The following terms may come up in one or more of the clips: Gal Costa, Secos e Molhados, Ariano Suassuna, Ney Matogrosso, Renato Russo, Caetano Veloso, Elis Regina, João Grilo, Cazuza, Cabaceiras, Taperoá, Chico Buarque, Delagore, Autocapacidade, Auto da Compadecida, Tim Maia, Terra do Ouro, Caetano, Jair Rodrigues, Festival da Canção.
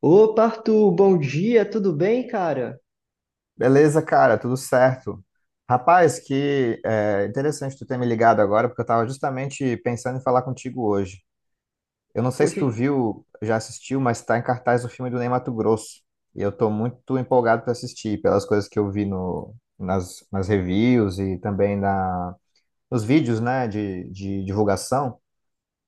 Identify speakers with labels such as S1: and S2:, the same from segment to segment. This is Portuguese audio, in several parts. S1: Opa, Arthur, bom dia, tudo bem, cara?
S2: Beleza, cara, tudo certo. Rapaz, que é interessante tu ter me ligado agora, porque eu estava justamente pensando em falar contigo hoje. Eu não sei se
S1: Poxa.
S2: tu viu, já assistiu, mas está em cartaz o filme do Ney Matogrosso. E eu estou muito empolgado para assistir, pelas coisas que eu vi no, nas, nas reviews e também nos vídeos, né, de divulgação.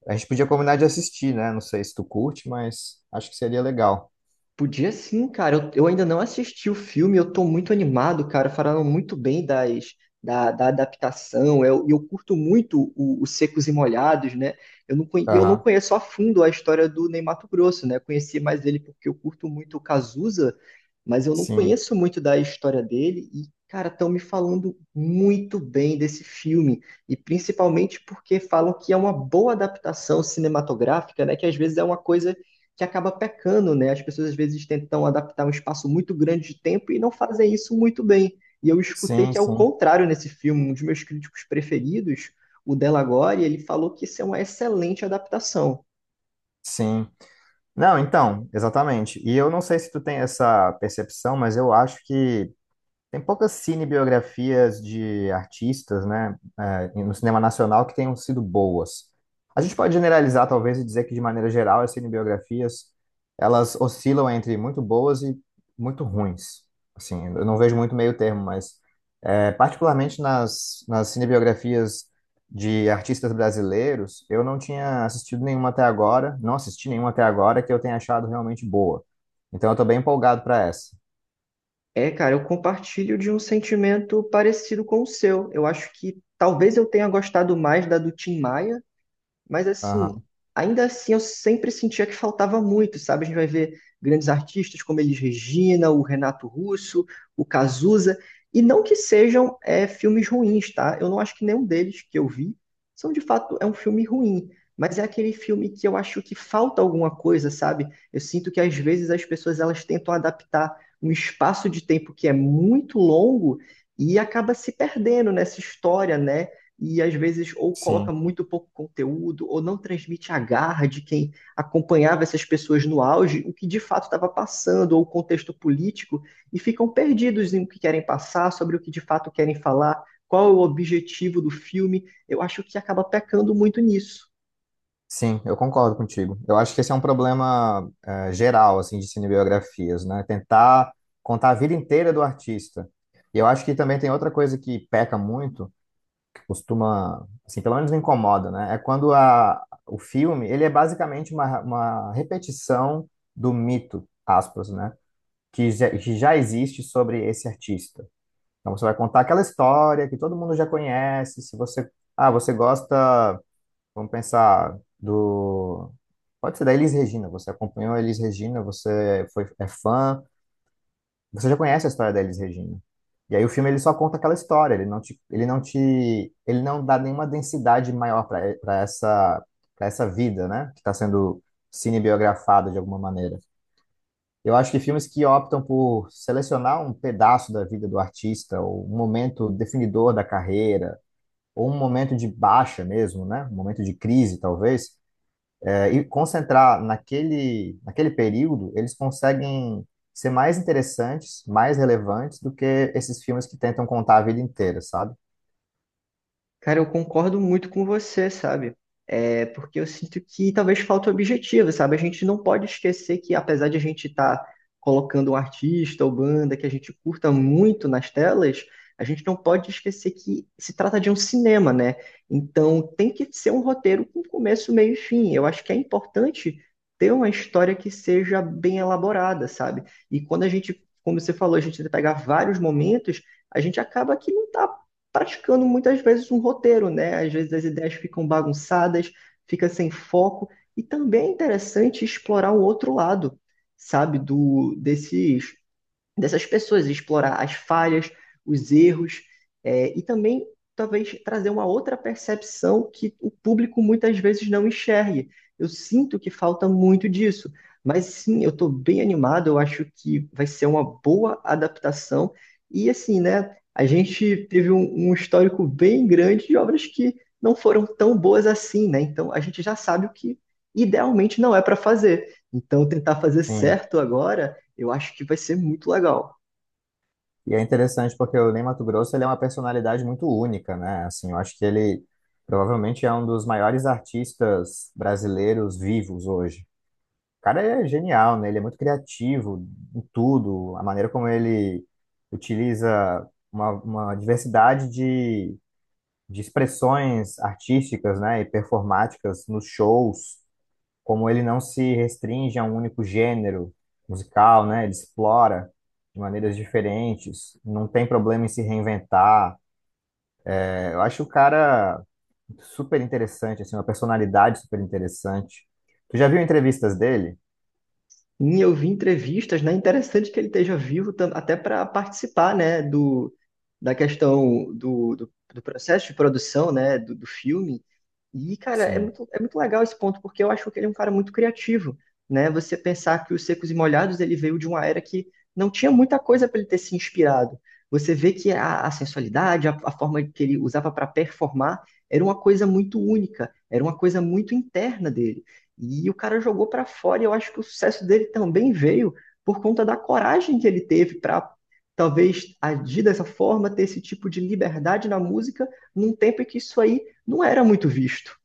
S2: A gente podia combinar de assistir, né? Não sei se tu curte, mas acho que seria legal.
S1: Podia sim, cara. Eu ainda não assisti o filme, eu tô muito animado, cara. Falaram muito bem da adaptação. E eu curto muito o Secos e Molhados, né? Eu não
S2: Aham.
S1: conheço a fundo a história do Ney Matogrosso, né? Eu conheci mais ele porque eu curto muito o Cazuza, mas eu não
S2: Sim,
S1: conheço muito da história dele. E, cara, estão me falando muito bem desse filme. E principalmente porque falam que é uma boa adaptação cinematográfica, né? Que às vezes é uma coisa que acaba pecando, né? As pessoas às vezes tentam adaptar um espaço muito grande de tempo e não fazem isso muito bem. E eu escutei
S2: sim,
S1: que é o
S2: sim,
S1: contrário nesse filme. Um dos meus críticos preferidos, o Delagore, ele falou que isso é uma excelente adaptação.
S2: sim. Não, então, exatamente. E eu não sei se tu tem essa percepção, mas eu acho que tem poucas cinebiografias de artistas, né, no cinema nacional que tenham sido boas. A gente pode generalizar, talvez, e dizer que, de maneira geral, as cinebiografias, elas oscilam entre muito boas e muito ruins. Assim, eu não vejo muito meio termo, mas, particularmente nas cinebiografias de artistas brasileiros, eu não tinha assistido nenhuma até agora, não assisti nenhuma até agora que eu tenha achado realmente boa. Então, eu estou bem empolgado para essa.
S1: É, cara, eu compartilho de um sentimento parecido com o seu. Eu acho que talvez eu tenha gostado mais da do Tim Maia. Mas assim,
S2: Aham.
S1: ainda assim eu sempre sentia que faltava muito, sabe? A gente vai ver grandes artistas como Elis Regina, o Renato Russo, o Cazuza, e não que sejam filmes ruins, tá? Eu não acho que nenhum deles que eu vi são de fato um filme ruim, mas é aquele filme que eu acho que falta alguma coisa, sabe? Eu sinto que às vezes as pessoas elas tentam adaptar um espaço de tempo que é muito longo e acaba se perdendo nessa história, né? E às vezes ou
S2: Sim.
S1: coloca muito pouco conteúdo ou não transmite a garra de quem acompanhava essas pessoas no auge, o que de fato estava passando ou o contexto político, e ficam perdidos em o que querem passar, sobre o que de fato querem falar, qual é o objetivo do filme. Eu acho que acaba pecando muito nisso.
S2: Sim, eu concordo contigo. Eu acho que esse é um problema geral assim de cinebiografias, né? Tentar contar a vida inteira do artista. E eu acho que também tem outra coisa que peca muito, que costuma, assim, pelo menos me incomoda, né? É quando o filme, ele é basicamente uma repetição do mito, aspas, né? Que já existe sobre esse artista. Então você vai contar aquela história que todo mundo já conhece, se você, ah, você gosta. Vamos pensar do. Pode ser da Elis Regina. Você acompanhou a Elis Regina, você foi, é fã, você já conhece a história da Elis Regina. E aí o filme, ele só conta aquela história, ele não te, ele não te, ele não dá nenhuma densidade maior para essa vida, né? Que está sendo cinebiografada de alguma maneira. Eu acho que filmes que optam por selecionar um pedaço da vida do artista, ou um momento definidor da carreira, ou um momento de baixa mesmo, né? Um momento de crise, talvez e concentrar naquele período, eles conseguem ser mais interessantes, mais relevantes do que esses filmes que tentam contar a vida inteira, sabe?
S1: Cara, eu concordo muito com você, sabe? É porque eu sinto que talvez falta objetivo, sabe? A gente não pode esquecer que, apesar de a gente estar colocando um artista ou banda que a gente curta muito nas telas, a gente não pode esquecer que se trata de um cinema, né? Então tem que ser um roteiro com começo, meio e fim. Eu acho que é importante ter uma história que seja bem elaborada, sabe? E quando a gente, como você falou, a gente pegar vários momentos, a gente acaba que não está praticando muitas vezes um roteiro, né? Às vezes as ideias ficam bagunçadas, fica sem foco, e também é interessante explorar o outro lado, sabe, do desses dessas pessoas, explorar as falhas, os erros, e também talvez trazer uma outra percepção que o público muitas vezes não enxergue. Eu sinto que falta muito disso, mas sim, eu estou bem animado, eu acho que vai ser uma boa adaptação. E assim, né, a gente teve um histórico bem grande de obras que não foram tão boas assim, né? Então a gente já sabe o que idealmente não é para fazer. Então tentar fazer
S2: Sim.
S1: certo agora eu acho que vai ser muito legal.
S2: E é interessante porque o Ney Matogrosso, ele é uma personalidade muito única, né? Assim, eu acho que ele provavelmente é um dos maiores artistas brasileiros vivos hoje. O cara é genial, né? Ele é muito criativo em tudo, a maneira como ele utiliza uma diversidade de expressões artísticas, né, e performáticas nos shows, como ele não se restringe a um único gênero musical, né, ele explora de maneiras diferentes, não tem problema em se reinventar. É, eu acho o cara super interessante, assim, uma personalidade super interessante. Tu já viu entrevistas dele?
S1: E eu vi entrevistas, né? Interessante que ele esteja vivo até para participar, né, da questão do processo de produção, né, do filme. E, cara,
S2: Sim.
S1: é muito legal esse ponto, porque eu acho que ele é um cara muito criativo, né? Você pensar que os Secos e Molhados, ele veio de uma era que não tinha muita coisa para ele ter se inspirado. Você vê que a sensualidade, a forma que ele usava para performar, era uma coisa muito única, era uma coisa muito interna dele. E o cara jogou para fora, e eu acho que o sucesso dele também veio por conta da coragem que ele teve para talvez agir dessa forma, ter esse tipo de liberdade na música, num tempo em que isso aí não era muito visto.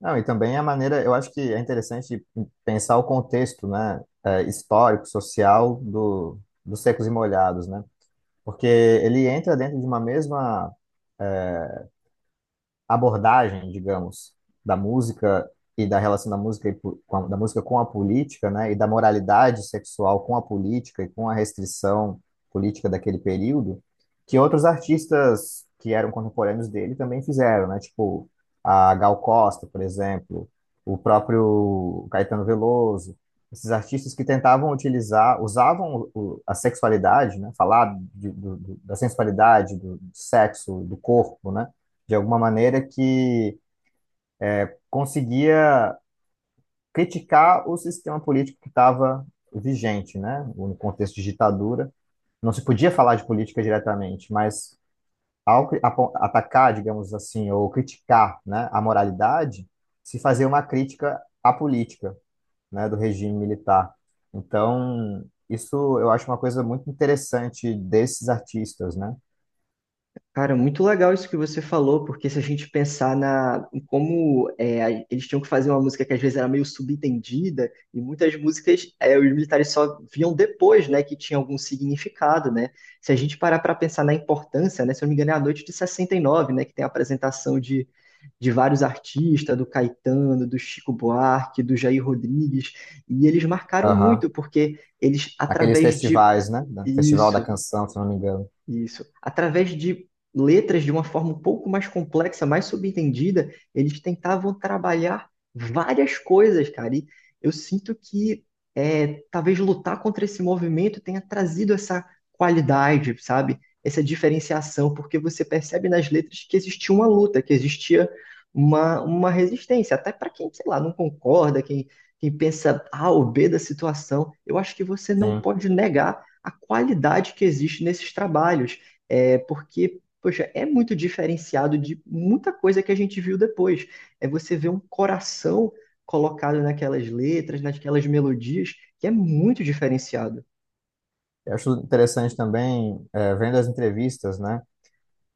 S2: Não, e também a maneira, eu acho que é interessante pensar o contexto, né, histórico, social dos Secos e Molhados, né? Porque ele entra dentro de uma mesma abordagem, digamos, da música e da relação da música, e da música com a política, né, e da moralidade sexual com a política e com a restrição política daquele período, que outros artistas que eram contemporâneos dele também fizeram, né, tipo a Gal Costa, por exemplo, o próprio Caetano Veloso, esses artistas que tentavam utilizar, usavam a sexualidade, né, falar da sensualidade, do sexo, do corpo, né, de alguma maneira que conseguia criticar o sistema político que estava vigente, né? No contexto de ditadura, não se podia falar de política diretamente, mas ao atacar, digamos assim, ou criticar, né, a moralidade, se fazia uma crítica à política, né, do regime militar. Então, isso eu acho uma coisa muito interessante desses artistas, né?
S1: Cara, muito legal isso que você falou, porque se a gente pensar em como é, eles tinham que fazer uma música que às vezes era meio subentendida, e muitas músicas os militares só viam depois, né, que tinha algum significado, né? Se a gente parar para pensar na importância, né, se eu não me engano é a noite de 69, né, que tem a apresentação de vários artistas, do Caetano, do Chico Buarque, do Jair Rodrigues, e eles marcaram muito,
S2: Aham.
S1: porque eles,
S2: Aqueles
S1: através de...
S2: festivais, né? Festival da
S1: Isso,
S2: Canção, se não me engano.
S1: isso. Através de letras de uma forma um pouco mais complexa, mais subentendida, eles tentavam trabalhar várias coisas, cara. E eu sinto que talvez lutar contra esse movimento tenha trazido essa qualidade, sabe? Essa diferenciação, porque você percebe nas letras que existia uma luta, que existia uma resistência, até para quem, sei lá, não concorda, quem, quem pensa A ou B da situação. Eu acho que você não
S2: Sim.
S1: pode negar a qualidade que existe nesses trabalhos, porque, poxa, é muito diferenciado de muita coisa que a gente viu depois. É você ver um coração colocado naquelas letras, naquelas melodias, que é muito diferenciado.
S2: Eu acho interessante também, vendo as entrevistas, né?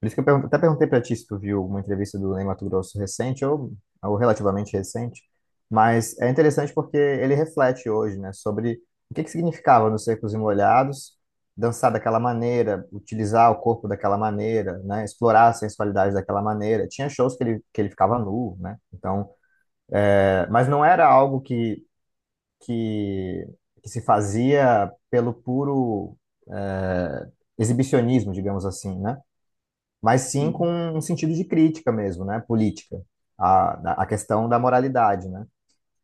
S2: Por isso que eu até perguntei para ti se tu viu uma entrevista do Ney Matogrosso recente ou relativamente recente, mas é interessante porque ele reflete hoje, né, sobre o que que significava nos Secos e Molhados dançar daquela maneira, utilizar o corpo daquela maneira, né, explorar a sensualidade daquela maneira. Tinha shows que ele ficava nu, né? Então, é, mas não era algo que, que se fazia pelo puro eh, exibicionismo, digamos assim, né? Mas sim com
S1: Sim.
S2: um sentido de crítica mesmo, né? Política, a questão da moralidade, né?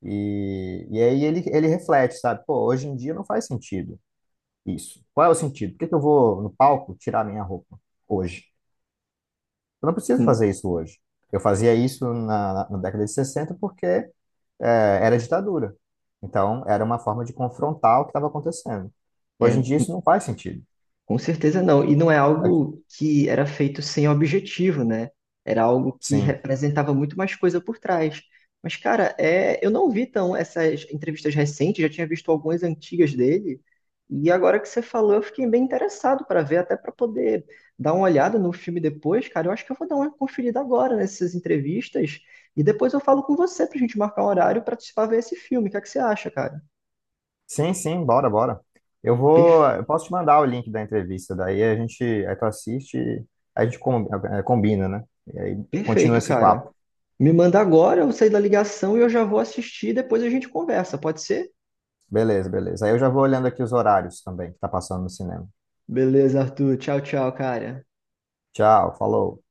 S2: E aí ele reflete, sabe? Pô, hoje em dia não faz sentido isso. Qual é o sentido? Por que que eu vou no palco tirar minha roupa hoje? Eu não preciso
S1: Hum.
S2: fazer isso hoje. Eu fazia isso na década de 60 porque é, era ditadura. Então, era uma forma de confrontar o que estava acontecendo.
S1: É.
S2: Hoje em dia, isso não faz sentido.
S1: Com certeza não. E não é algo que era feito sem objetivo, né? Era algo que
S2: Sim,
S1: representava muito mais coisa por trás. Mas, cara, eu não vi tão essas entrevistas recentes, já tinha visto algumas antigas dele. E agora que você falou, eu fiquei bem interessado para ver, até para poder dar uma olhada no filme depois, cara. Eu acho que eu vou dar uma conferida agora nessas entrevistas. E depois eu falo com você pra gente marcar um horário para participar ver esse filme. O que é que você acha, cara?
S2: sim, sim, bora, bora. Eu vou,
S1: Per-
S2: eu posso te mandar o link da entrevista, daí a gente, aí tu assiste, e a gente combina, né? E aí continua
S1: Perfeito,
S2: esse
S1: cara.
S2: papo.
S1: Me manda agora, eu sair da ligação e eu já vou assistir, depois a gente conversa, pode ser?
S2: Beleza, beleza. Aí eu já vou olhando aqui os horários também que tá passando no cinema.
S1: Beleza, Arthur. Tchau, tchau, cara.
S2: Tchau, falou.